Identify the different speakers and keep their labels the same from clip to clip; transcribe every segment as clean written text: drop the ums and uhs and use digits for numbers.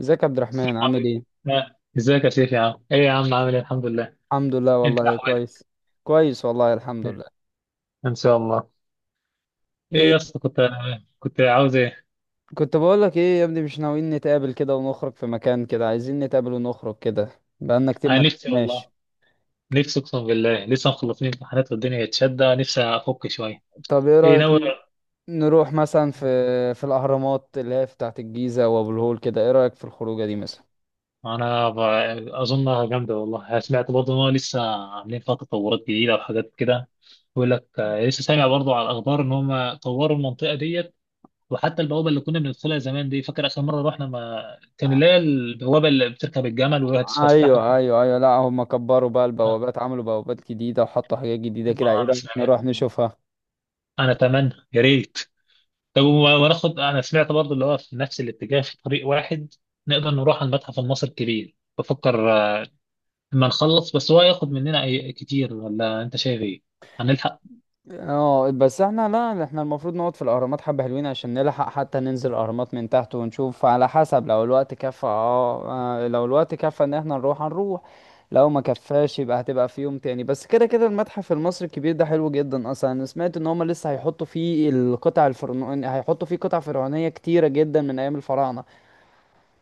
Speaker 1: ازيك يا عبد الرحمن،
Speaker 2: السلام
Speaker 1: عامل
Speaker 2: عليكم.
Speaker 1: ايه؟
Speaker 2: ازيك يا شيخ؟ يا عم، ايه يا عم؟ عامل ايه؟ الحمد لله.
Speaker 1: الحمد لله
Speaker 2: انت
Speaker 1: والله
Speaker 2: احوالك؟
Speaker 1: كويس. كويس والله الحمد لله.
Speaker 2: ان شاء الله. ايه
Speaker 1: إيه؟
Speaker 2: يا اسطى؟ كنت عاوز ايه؟
Speaker 1: كنت بقول لك ايه يا ابني، مش ناويين نتقابل كده ونخرج في مكان كده؟ عايزين نتقابل ونخرج كده. بقالنا كتير
Speaker 2: انا
Speaker 1: ما
Speaker 2: نفسي
Speaker 1: تقابلناش.
Speaker 2: والله، نفسي اقسم بالله لسه مخلصين امتحانات والدنيا اتشدة، نفسي افك شويه.
Speaker 1: طب ايه
Speaker 2: ايه
Speaker 1: رأيك
Speaker 2: ناوي؟
Speaker 1: نروح مثلا في الاهرامات اللي هي بتاعه الجيزة وابو الهول كده، ايه رأيك في الخروجة دي مثلا؟
Speaker 2: انا ب... اظنها جامده والله. سمعت برضه ان هو لسه عاملين فيها تطورات جديده وحاجات كده. بيقول لك، لسه سامع برضه على الاخبار ان هم طوروا المنطقه ديت. وحتى البوابه اللي كنا بندخلها زمان دي، فاكر اخر مره رحنا؟ ما كان
Speaker 1: ع-
Speaker 2: اللي هي البوابه اللي بتركب الجمل وهتفسحك.
Speaker 1: ايوه ايوه ايوه، لا هم كبروا بقى
Speaker 2: آه.
Speaker 1: البوابات، عملوا بوابات جديدة وحطوا حاجات جديدة كده. ايه
Speaker 2: انا
Speaker 1: رأيك
Speaker 2: سمعت.
Speaker 1: نروح نشوفها؟
Speaker 2: انا اتمنى يا ريت. طب، وناخد، انا سمعت برضه اللي هو في نفس الاتجاه، في طريق واحد. نقدر نروح على المتحف المصري الكبير. بفكر لما نخلص، بس هو ياخد مننا كتير ولا انت شايف ايه؟ هنلحق؟
Speaker 1: اه بس احنا، لا احنا المفروض نقعد في الاهرامات حبة حلوين عشان نلحق، حتى ننزل الاهرامات من تحت ونشوف على حسب لو الوقت كفى. اه، لو الوقت كفى ان احنا نروح هنروح. لو ما كفاش يبقى هتبقى في يوم تاني، بس كده كده المتحف المصري الكبير ده حلو جدا اصلا. انا سمعت ان هما لسه هيحطوا فيه القطع الفرعونية، هيحطوا فيه قطع فرعونية كتيرة جدا من ايام الفراعنة.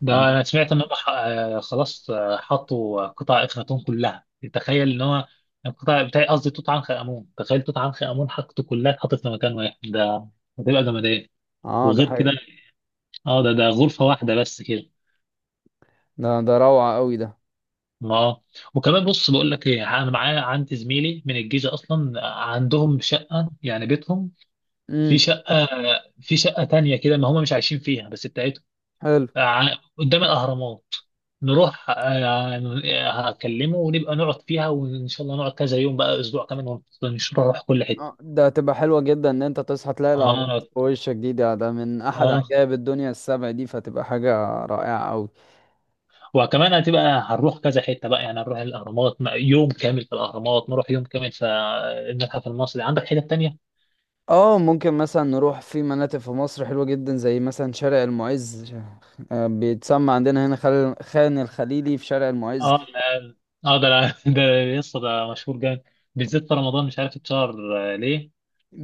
Speaker 2: ده انا سمعت ان هم خلاص، حطوا قطع اخناتون كلها. تخيل ان هو القطع بتاعي، قصدي توت عنخ امون. تخيل توت عنخ امون حطته كلها، اتحطت في مكان واحد ده. هتبقى جمدان.
Speaker 1: اه ده
Speaker 2: وغير
Speaker 1: حاجة.
Speaker 2: كده. اه، ده غرفه واحده بس كده.
Speaker 1: ده روعة قوي ده.
Speaker 2: اه. وكمان بص بقول لك ايه، انا معايا عندي زميلي من الجيش اصلا. عندهم شقه، يعني بيتهم، في
Speaker 1: امم
Speaker 2: شقه في شقه تانية كده، ما هم مش عايشين فيها بس، بتاعتهم.
Speaker 1: حلو.
Speaker 2: قدام الأهرامات نروح. هكلمه ونبقى نقعد فيها، وإن شاء الله نقعد كذا يوم بقى، أسبوع كمان، ونروح كل
Speaker 1: اه
Speaker 2: حتة.
Speaker 1: ده هتبقى حلوة جدا ان انت تصحى تلاقي الاهرامات
Speaker 2: اه،
Speaker 1: في وشك دي ده من احد
Speaker 2: اه.
Speaker 1: عجائب الدنيا السبع دي، فتبقى حاجة رائعة اوي.
Speaker 2: وكمان هنروح كذا حتة بقى، يعني هنروح الأهرامات يوم كامل في الأهرامات، نروح يوم كامل في المتحف المصري. عندك حتة تانية؟
Speaker 1: اه ممكن مثلا نروح في مناطق في مصر حلوة جدا، زي مثلا شارع المعز. بيتسمى عندنا هنا خان الخليلي في شارع المعز.
Speaker 2: اه، لا. اه، ده ده لسه ده مشهور جامد، بالذات في رمضان. مش عارف اتشهر ليه،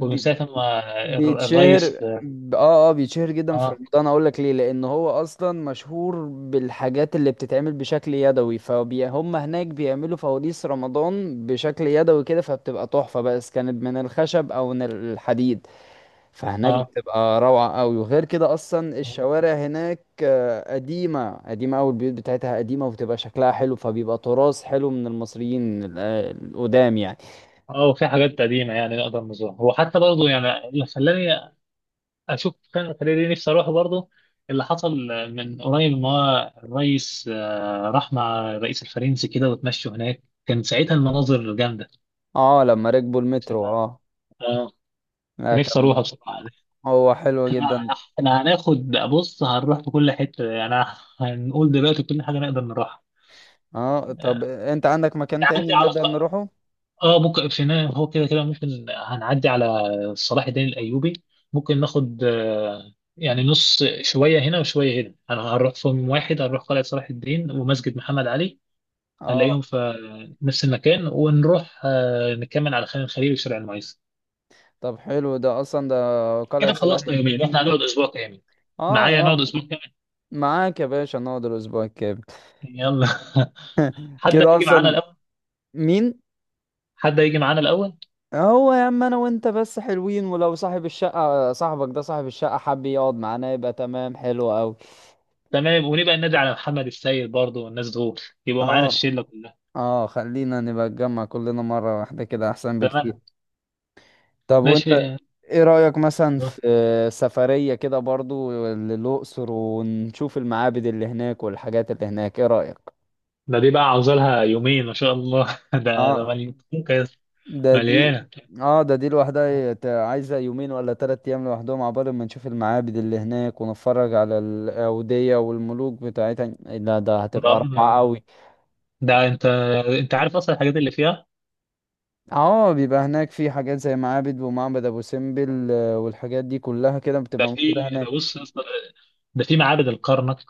Speaker 2: ومن ساعة ما
Speaker 1: بيتشهر
Speaker 2: الرئيس.
Speaker 1: ب- اه اه بيتشهر جدا في
Speaker 2: اه،
Speaker 1: رمضان. اقول لك ليه؟ لان هو اصلا مشهور بالحاجات اللي بتتعمل بشكل يدوي، فهم هناك بيعملوا فوانيس رمضان بشكل يدوي كده فبتبقى تحفة، بس كانت من الخشب او من الحديد، فهناك
Speaker 2: اه،
Speaker 1: بتبقى روعة قوي. وغير كده اصلا
Speaker 2: آه.
Speaker 1: الشوارع هناك قديمة قديمة قوي، البيوت بتاعتها قديمة وبتبقى شكلها حلو، فبيبقى تراث حلو من المصريين القدام يعني.
Speaker 2: اه، في حاجات قديمة يعني نقدر نزورها، وحتى برضه يعني اللي خلاني أشوف، كان خلاني نفسي أروح برضه. اللي حصل من قريب، إن هو الرئيس راح مع الرئيس الفرنسي كده وتمشوا هناك. كان ساعتها المناظر جامدة.
Speaker 1: اه لما ركبوا المترو اه.
Speaker 2: اه،
Speaker 1: لا
Speaker 2: نفسي
Speaker 1: كان
Speaker 2: أروح بصراحة.
Speaker 1: هو حلو
Speaker 2: احنا
Speaker 1: جدا.
Speaker 2: إحنا هناخد، بص هنروح في كل حتة يعني، هنقول دلوقتي كل حاجة نقدر نروحها.
Speaker 1: اه طب انت عندك مكان تاني
Speaker 2: نعدي على،
Speaker 1: نقدر نروحه؟
Speaker 2: اه ممكن في النهاية هو كده كده ممكن هنعدي على صلاح الدين الايوبي. ممكن ناخد يعني نص، شويه هنا وشويه هنا. انا هنروح في يوم واحد، هنروح قلعه صلاح الدين ومسجد محمد علي.
Speaker 1: اه
Speaker 2: هنلاقيهم في نفس المكان، ونروح نكمل على خان الخليل وشارع المعز.
Speaker 1: طب حلو ده اصلا، ده قلعة
Speaker 2: كده
Speaker 1: صلاح
Speaker 2: خلصنا يومين،
Speaker 1: الدين
Speaker 2: احنا
Speaker 1: دي.
Speaker 2: هنقعد اسبوع كامل.
Speaker 1: اه
Speaker 2: معايا نقعد
Speaker 1: اه،
Speaker 2: اسبوع كامل.
Speaker 1: معاك يا باشا نقعد الاسبوع الكامل.
Speaker 2: يلا حد
Speaker 1: كده
Speaker 2: هيجي معانا
Speaker 1: اصلا.
Speaker 2: الاول؟
Speaker 1: مين؟
Speaker 2: حد هيجي معانا الاول؟
Speaker 1: هو يا عم انا وانت بس حلوين، ولو صاحب الشقة صاحبك ده صاحب الشقة حب يقعد معانا يبقى تمام حلو قوي.
Speaker 2: تمام، ونبقى ننادي على محمد السيد برضه والناس دول، يبقوا معانا
Speaker 1: اه
Speaker 2: الشله كلها.
Speaker 1: اه خلينا نبقى نتجمع كلنا مرة واحدة كده احسن بكتير.
Speaker 2: تمام،
Speaker 1: طب وانت
Speaker 2: ماشي.
Speaker 1: ايه رأيك مثلا
Speaker 2: آه.
Speaker 1: في سفرية كده برضو للأقصر ونشوف المعابد اللي هناك والحاجات اللي هناك، ايه رأيك؟
Speaker 2: ده دي بقى عاوزة لها يومين ما شاء الله ده
Speaker 1: اه
Speaker 2: مليان.
Speaker 1: ده دي.
Speaker 2: مليانة.
Speaker 1: اه ده دي لوحدها عايزة يومين ولا 3 ايام لوحدهم عبال ما نشوف المعابد اللي هناك ونتفرج على الأودية والملوك بتاعتها. لا ده
Speaker 2: ده
Speaker 1: هتبقى رائعة قوي.
Speaker 2: ده انت عارف اصلا الحاجات اللي فيها.
Speaker 1: اه بيبقى هناك في حاجات زي معابد ومعبد ابو سمبل، والحاجات دي كلها كده
Speaker 2: ده
Speaker 1: بتبقى موجودة
Speaker 2: في،
Speaker 1: هناك.
Speaker 2: ده بص يا اسطى، ده في معابد الكرنك،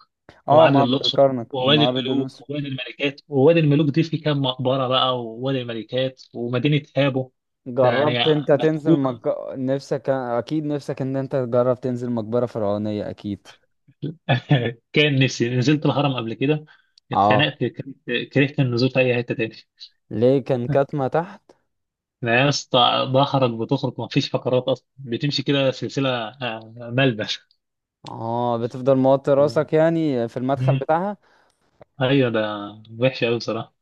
Speaker 1: اه
Speaker 2: ومعابد
Speaker 1: معبد
Speaker 2: الاقصر،
Speaker 1: الكرنك
Speaker 2: ووادي
Speaker 1: ومعبد الأقصر.
Speaker 2: الملوك ووادي الملكات، ووادي الملوك دي في كام مقبرة بقى، ووادي الملكات، ومدينة هابو. ده يعني
Speaker 1: جربت انت تنزل
Speaker 2: متكوكة
Speaker 1: نفسك اكيد، نفسك ان انت تجرب تنزل مقبرة فرعونية اكيد.
Speaker 2: كان نفسي نزلت الهرم قبل كده،
Speaker 1: اه
Speaker 2: اتخنقت، كرهت كرهت النزول في اي حتة تاني.
Speaker 1: ليه كان كاتمة تحت؟
Speaker 2: ده يا اسطى، ظهرك بتخرج، مفيش فقرات اصلا بتمشي كده سلسله ملبش.
Speaker 1: اه بتفضل موطي
Speaker 2: مم.
Speaker 1: راسك يعني في المدخل
Speaker 2: مم.
Speaker 1: بتاعها.
Speaker 2: ايوه، ده وحش قوي بصراحه.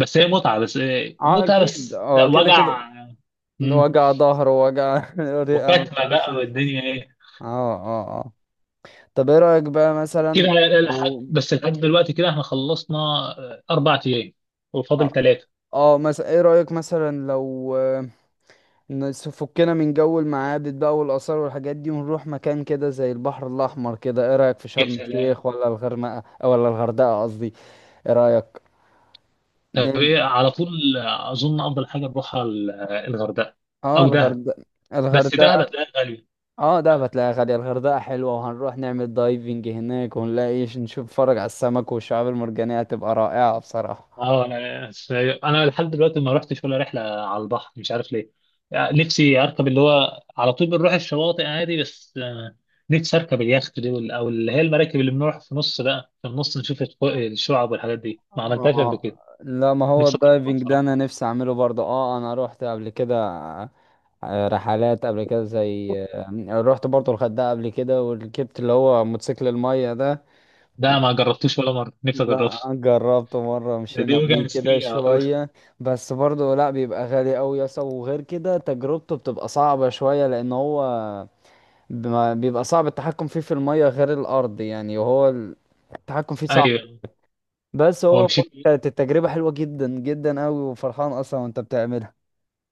Speaker 2: بس هي متعه، بس إيه،
Speaker 1: اه
Speaker 2: متعه
Speaker 1: اكيد
Speaker 2: بس لا،
Speaker 1: اه كده كده.
Speaker 2: وجع. مم.
Speaker 1: وجع ظهر ووجع رئة ما
Speaker 2: وكتمه
Speaker 1: بتعرفش
Speaker 2: بقى
Speaker 1: نفسك.
Speaker 2: والدنيا ايه.
Speaker 1: اه اه اه طب ايه رأيك بقى
Speaker 2: كده،
Speaker 1: مثلا لو.
Speaker 2: لحد دلوقتي كده احنا خلصنا 4 ايام، وفاضل
Speaker 1: اه،
Speaker 2: 3.
Speaker 1: مثلا ايه رأيك مثلا لو فكنا من جو المعابد بقى والآثار والحاجات دي، ونروح مكان كده زي البحر الأحمر كده، ايه رأيك في
Speaker 2: يا
Speaker 1: شرم
Speaker 2: سلام.
Speaker 1: الشيخ ولا الغرمقة أو ولا الغردقة قصدي؟ ايه رأيك؟
Speaker 2: طب
Speaker 1: نن-
Speaker 2: ايه على طول؟ اظن افضل حاجه نروحها الغردقه،
Speaker 1: اه
Speaker 2: او دهب.
Speaker 1: الغردقة.
Speaker 2: بس دهب
Speaker 1: الغردقة.
Speaker 2: هتلاقيها غاليه.
Speaker 1: اه ده هتلاقيها غالية. الغردقة حلوة وهنروح نعمل دايفنج هناك ونلاقي نشوف، نتفرج على السمك والشعاب المرجانية، هتبقى رائعة بصراحة.
Speaker 2: اه، انا لحد دلوقتي ما رحتش ولا رحله على البحر، مش عارف ليه. يعني نفسي اركب اللي هو على طول بنروح الشواطئ عادي، بس نفسي اركب اليخت دي او اللي هي المراكب اللي بنروح في النص بقى، في النص نشوف الشعب والحاجات دي، ما عملتهاش قبل
Speaker 1: اه
Speaker 2: كده.
Speaker 1: لا ما هو
Speaker 2: نفسي اجربها
Speaker 1: الدايفنج ده
Speaker 2: بصراحه.
Speaker 1: انا نفسي اعمله برضه. اه انا روحت قبل كده رحلات قبل كده، زي رحت برضو الغردقة قبل كده وركبت اللي هو موتوسيكل المية ده.
Speaker 2: ده ما جربتوش ولا مره، نفسي اجربها.
Speaker 1: لا جربته مرة،
Speaker 2: دي
Speaker 1: مشينا
Speaker 2: وجهه
Speaker 1: بيه كده
Speaker 2: مسترية على طول.
Speaker 1: شوية، بس برضو لا بيبقى غالي أوي يا اسطى، وغير كده تجربته بتبقى صعبة شوية، لأن هو بيبقى صعب التحكم فيه في المية غير الأرض يعني، وهو التحكم فيه صعب.
Speaker 2: ايوه.
Speaker 1: بس
Speaker 2: هو
Speaker 1: هو
Speaker 2: مشيت.
Speaker 1: كانت التجربة حلوة جدا جدا أوي، وفرحان أصلا وأنت بتعملها.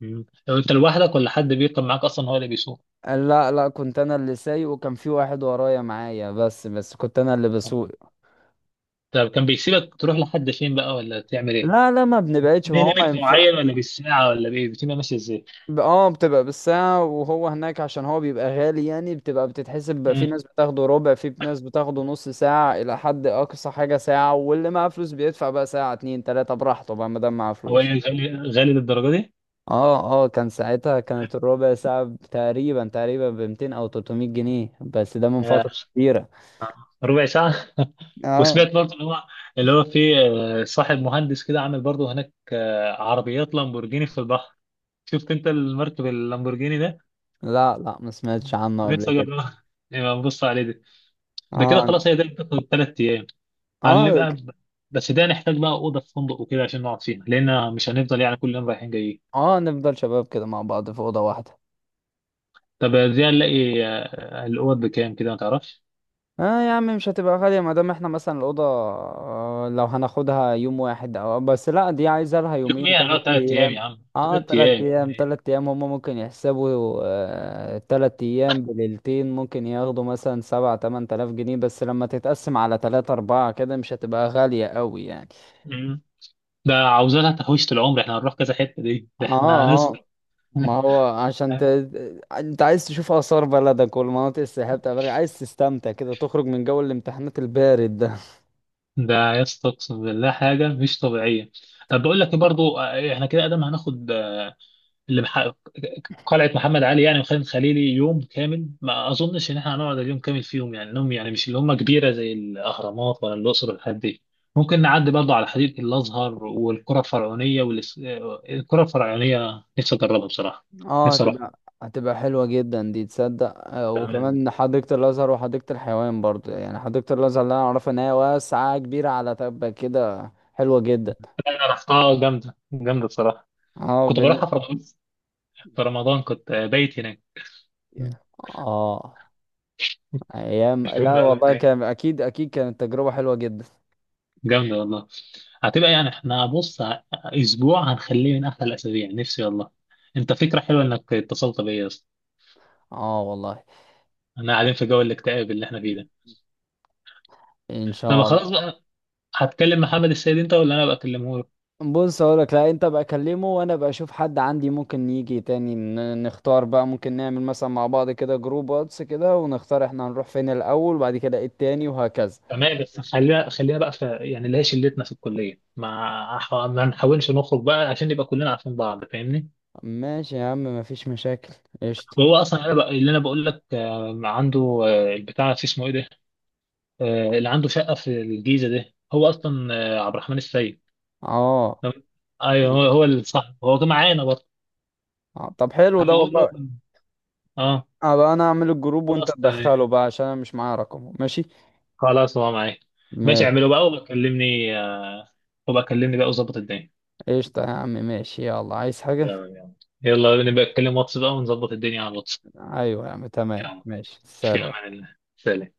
Speaker 2: مم. لو انت لوحدك، ولا حد بيركب معاك اصلا هو اللي بيسوق؟
Speaker 1: لا لا كنت انا اللي سايق، وكان في واحد ورايا معايا، بس كنت انا اللي بسوق.
Speaker 2: طب كان بيسيبك تروح لحد فين بقى، ولا تعمل ايه؟
Speaker 1: لا لا ما بنبعدش، ما
Speaker 2: ليه؟
Speaker 1: هو ما
Speaker 2: ليميت
Speaker 1: ينفع.
Speaker 2: معين ولا بالساعة ولا بإيه؟ الروتين ماشي إزاي؟
Speaker 1: بتبقى بالساعة، وهو هناك عشان هو بيبقى غالي يعني، بتبقى بتتحسب بقى، في
Speaker 2: مم.
Speaker 1: ناس بتاخده ربع، في ناس بتاخده نص ساعة، إلى حد أقصى حاجة ساعة، واللي معاه فلوس بيدفع بقى ساعة اتنين تلاتة براحته بقى ما دام معاه
Speaker 2: هو إيه،
Speaker 1: فلوس.
Speaker 2: غالي غالي للدرجة دي؟
Speaker 1: اه اه كان ساعتها كانت الربع ساعة تقريبا تقريبا ب 200 أو 300 جنيه، بس ده من
Speaker 2: آه،
Speaker 1: فترة كبيرة.
Speaker 2: ربع ساعة.
Speaker 1: اه
Speaker 2: وسمعت برضه اللي هو في صاحب مهندس كده، عامل برضه هناك عربيات لامبورجيني في البحر. شفت أنت المركب اللامبورجيني ده؟
Speaker 1: لا لا ما سمعتش عنه قبل
Speaker 2: نفسي
Speaker 1: كده.
Speaker 2: أجربها. نبقى نبص عليه ده. ده كده
Speaker 1: اه
Speaker 2: خلاص، هي ده بتاخد 3 أيام.
Speaker 1: اه
Speaker 2: هنبقى ب- بس ده نحتاج بقى أوضة في فندق وكده عشان نقعد فيها، لأن مش هنفضل يعني كل يوم رايحين جايين.
Speaker 1: نفضل شباب كده مع بعض في اوضه واحده.
Speaker 2: طب دي هنلاقي الأوض بكام كده ما تعرفش؟
Speaker 1: اه يا عم مش هتبقى غاليه ما دام احنا مثلا الاوضه، لو هناخدها يوم واحد او بس لا دي عايزه لها يومين
Speaker 2: يوم ايه؟
Speaker 1: ثلاث
Speaker 2: هنقعد 3 ايام
Speaker 1: ايام
Speaker 2: يا عم،
Speaker 1: اه
Speaker 2: تلات
Speaker 1: ثلاث
Speaker 2: ايام يومين
Speaker 1: ايام
Speaker 2: ايه؟
Speaker 1: ثلاث ايام هم ممكن يحسبوا 3 ايام بليلتين، ممكن ياخدوا مثلا سبعة تمن تلاف جنيه، بس لما تتقسم على تلاتة اربعة كده مش هتبقى غاليه قوي يعني.
Speaker 2: مم. ده عاوزة لها تحويشة العمر. احنا هنروح كذا حتة دي، ده
Speaker 1: اه
Speaker 2: احنا هنصرف.
Speaker 1: آه. ما هو عشان انت عايز تشوف آثار بلدك والمناطق السياحية بتاع بلدك، عايز تستمتع كده، تخرج من جو الامتحانات البارد ده.
Speaker 2: ده يا اسطى، اقسم بالله حاجة مش طبيعية. طب بقول لك ايه برضو، احنا كده ادم هناخد اللي مح... قلعة محمد علي يعني، وخان الخليلي، يوم كامل ما اظنش ان احنا هنقعد اليوم كامل فيهم يعني، انهم يعني مش اللي هم كبيرة زي الاهرامات ولا الاقصر والحاجات دي. ممكن نعدي برضو على حديقة الازهر والقرى الفرعونية نفسي اجربها بصراحة.
Speaker 1: اه
Speaker 2: نفسي
Speaker 1: هتبقى حلوة جدا دي تصدق.
Speaker 2: اروح.
Speaker 1: وكمان حديقة الأزهر وحديقة الحيوان برضو، يعني حديقة الأزهر اللي أنا أعرفها إن هي واسعة كبيرة على تبة كده حلوة جدا.
Speaker 2: رحتها جامدة جامدة بصراحة.
Speaker 1: اه
Speaker 2: كنت بروحها في رمضان. في رمضان كنت بايت هناك. مم.
Speaker 1: اه ايام. لا
Speaker 2: مشهورة أوي
Speaker 1: والله
Speaker 2: هناك،
Speaker 1: كان اكيد اكيد كانت تجربة حلوة جدا.
Speaker 2: جامدة والله. هتبقى يعني، احنا بص، أسبوع هنخليه من أحلى الأسابيع، نفسي والله. أنت، فكرة حلوة إنك اتصلت بيا يا اسطى.
Speaker 1: اه والله.
Speaker 2: احنا قاعدين في جو الاكتئاب اللي احنا فيه ده.
Speaker 1: ان
Speaker 2: طب
Speaker 1: شاء
Speaker 2: خلاص
Speaker 1: الله.
Speaker 2: بقى، هتكلم محمد السيد أنت ولا أنا بقى أكلمه له؟
Speaker 1: بص هقولك، لا انت بقى كلمه، وانا بقى اشوف حد عندي ممكن يجي تاني. نختار بقى. ممكن نعمل مثلا مع بعض كده جروب واتس كده، ونختار احنا هنروح فين الاول وبعد كده ايه التاني وهكذا.
Speaker 2: تمام، بس خليها خليها بقى في يعني اللي هي شلتنا في الكلية، ما نحاولش نخرج بقى، عشان نبقى كلنا عارفين بعض، فاهمني؟
Speaker 1: ماشي يا عم مفيش مشاكل. قشطة.
Speaker 2: هو اصلا اللي انا بقول لك عنده البتاع، في اسمه ايه ده؟ اللي عنده شقه في الجيزه ده، هو اصلا عبد الرحمن السيد.
Speaker 1: اه
Speaker 2: لو- ايوه، هو اللي صح. هو كان معانا برضه.
Speaker 1: اه، طب حلو ده
Speaker 2: هبقول له.
Speaker 1: والله.
Speaker 2: اه،
Speaker 1: ابقى انا اعمل الجروب وانت
Speaker 2: خلاص تمام.
Speaker 1: تدخله بقى عشان انا مش معايا رقمه. ماشي.
Speaker 2: خلاص، هو معايا. ماشي،
Speaker 1: ماشي
Speaker 2: اعمله بقى وبكلمني بقى، وظبط الدنيا.
Speaker 1: قشطة يا عم ماشي. يلا عايز حاجة؟
Speaker 2: تمام. يلا يلا، نبقى نتكلم واتس بقى، ونظبط الدنيا على الواتس.
Speaker 1: ايوه يا عم تمام
Speaker 2: يلا،
Speaker 1: ماشي
Speaker 2: في
Speaker 1: سلام.
Speaker 2: امان الله، سلام.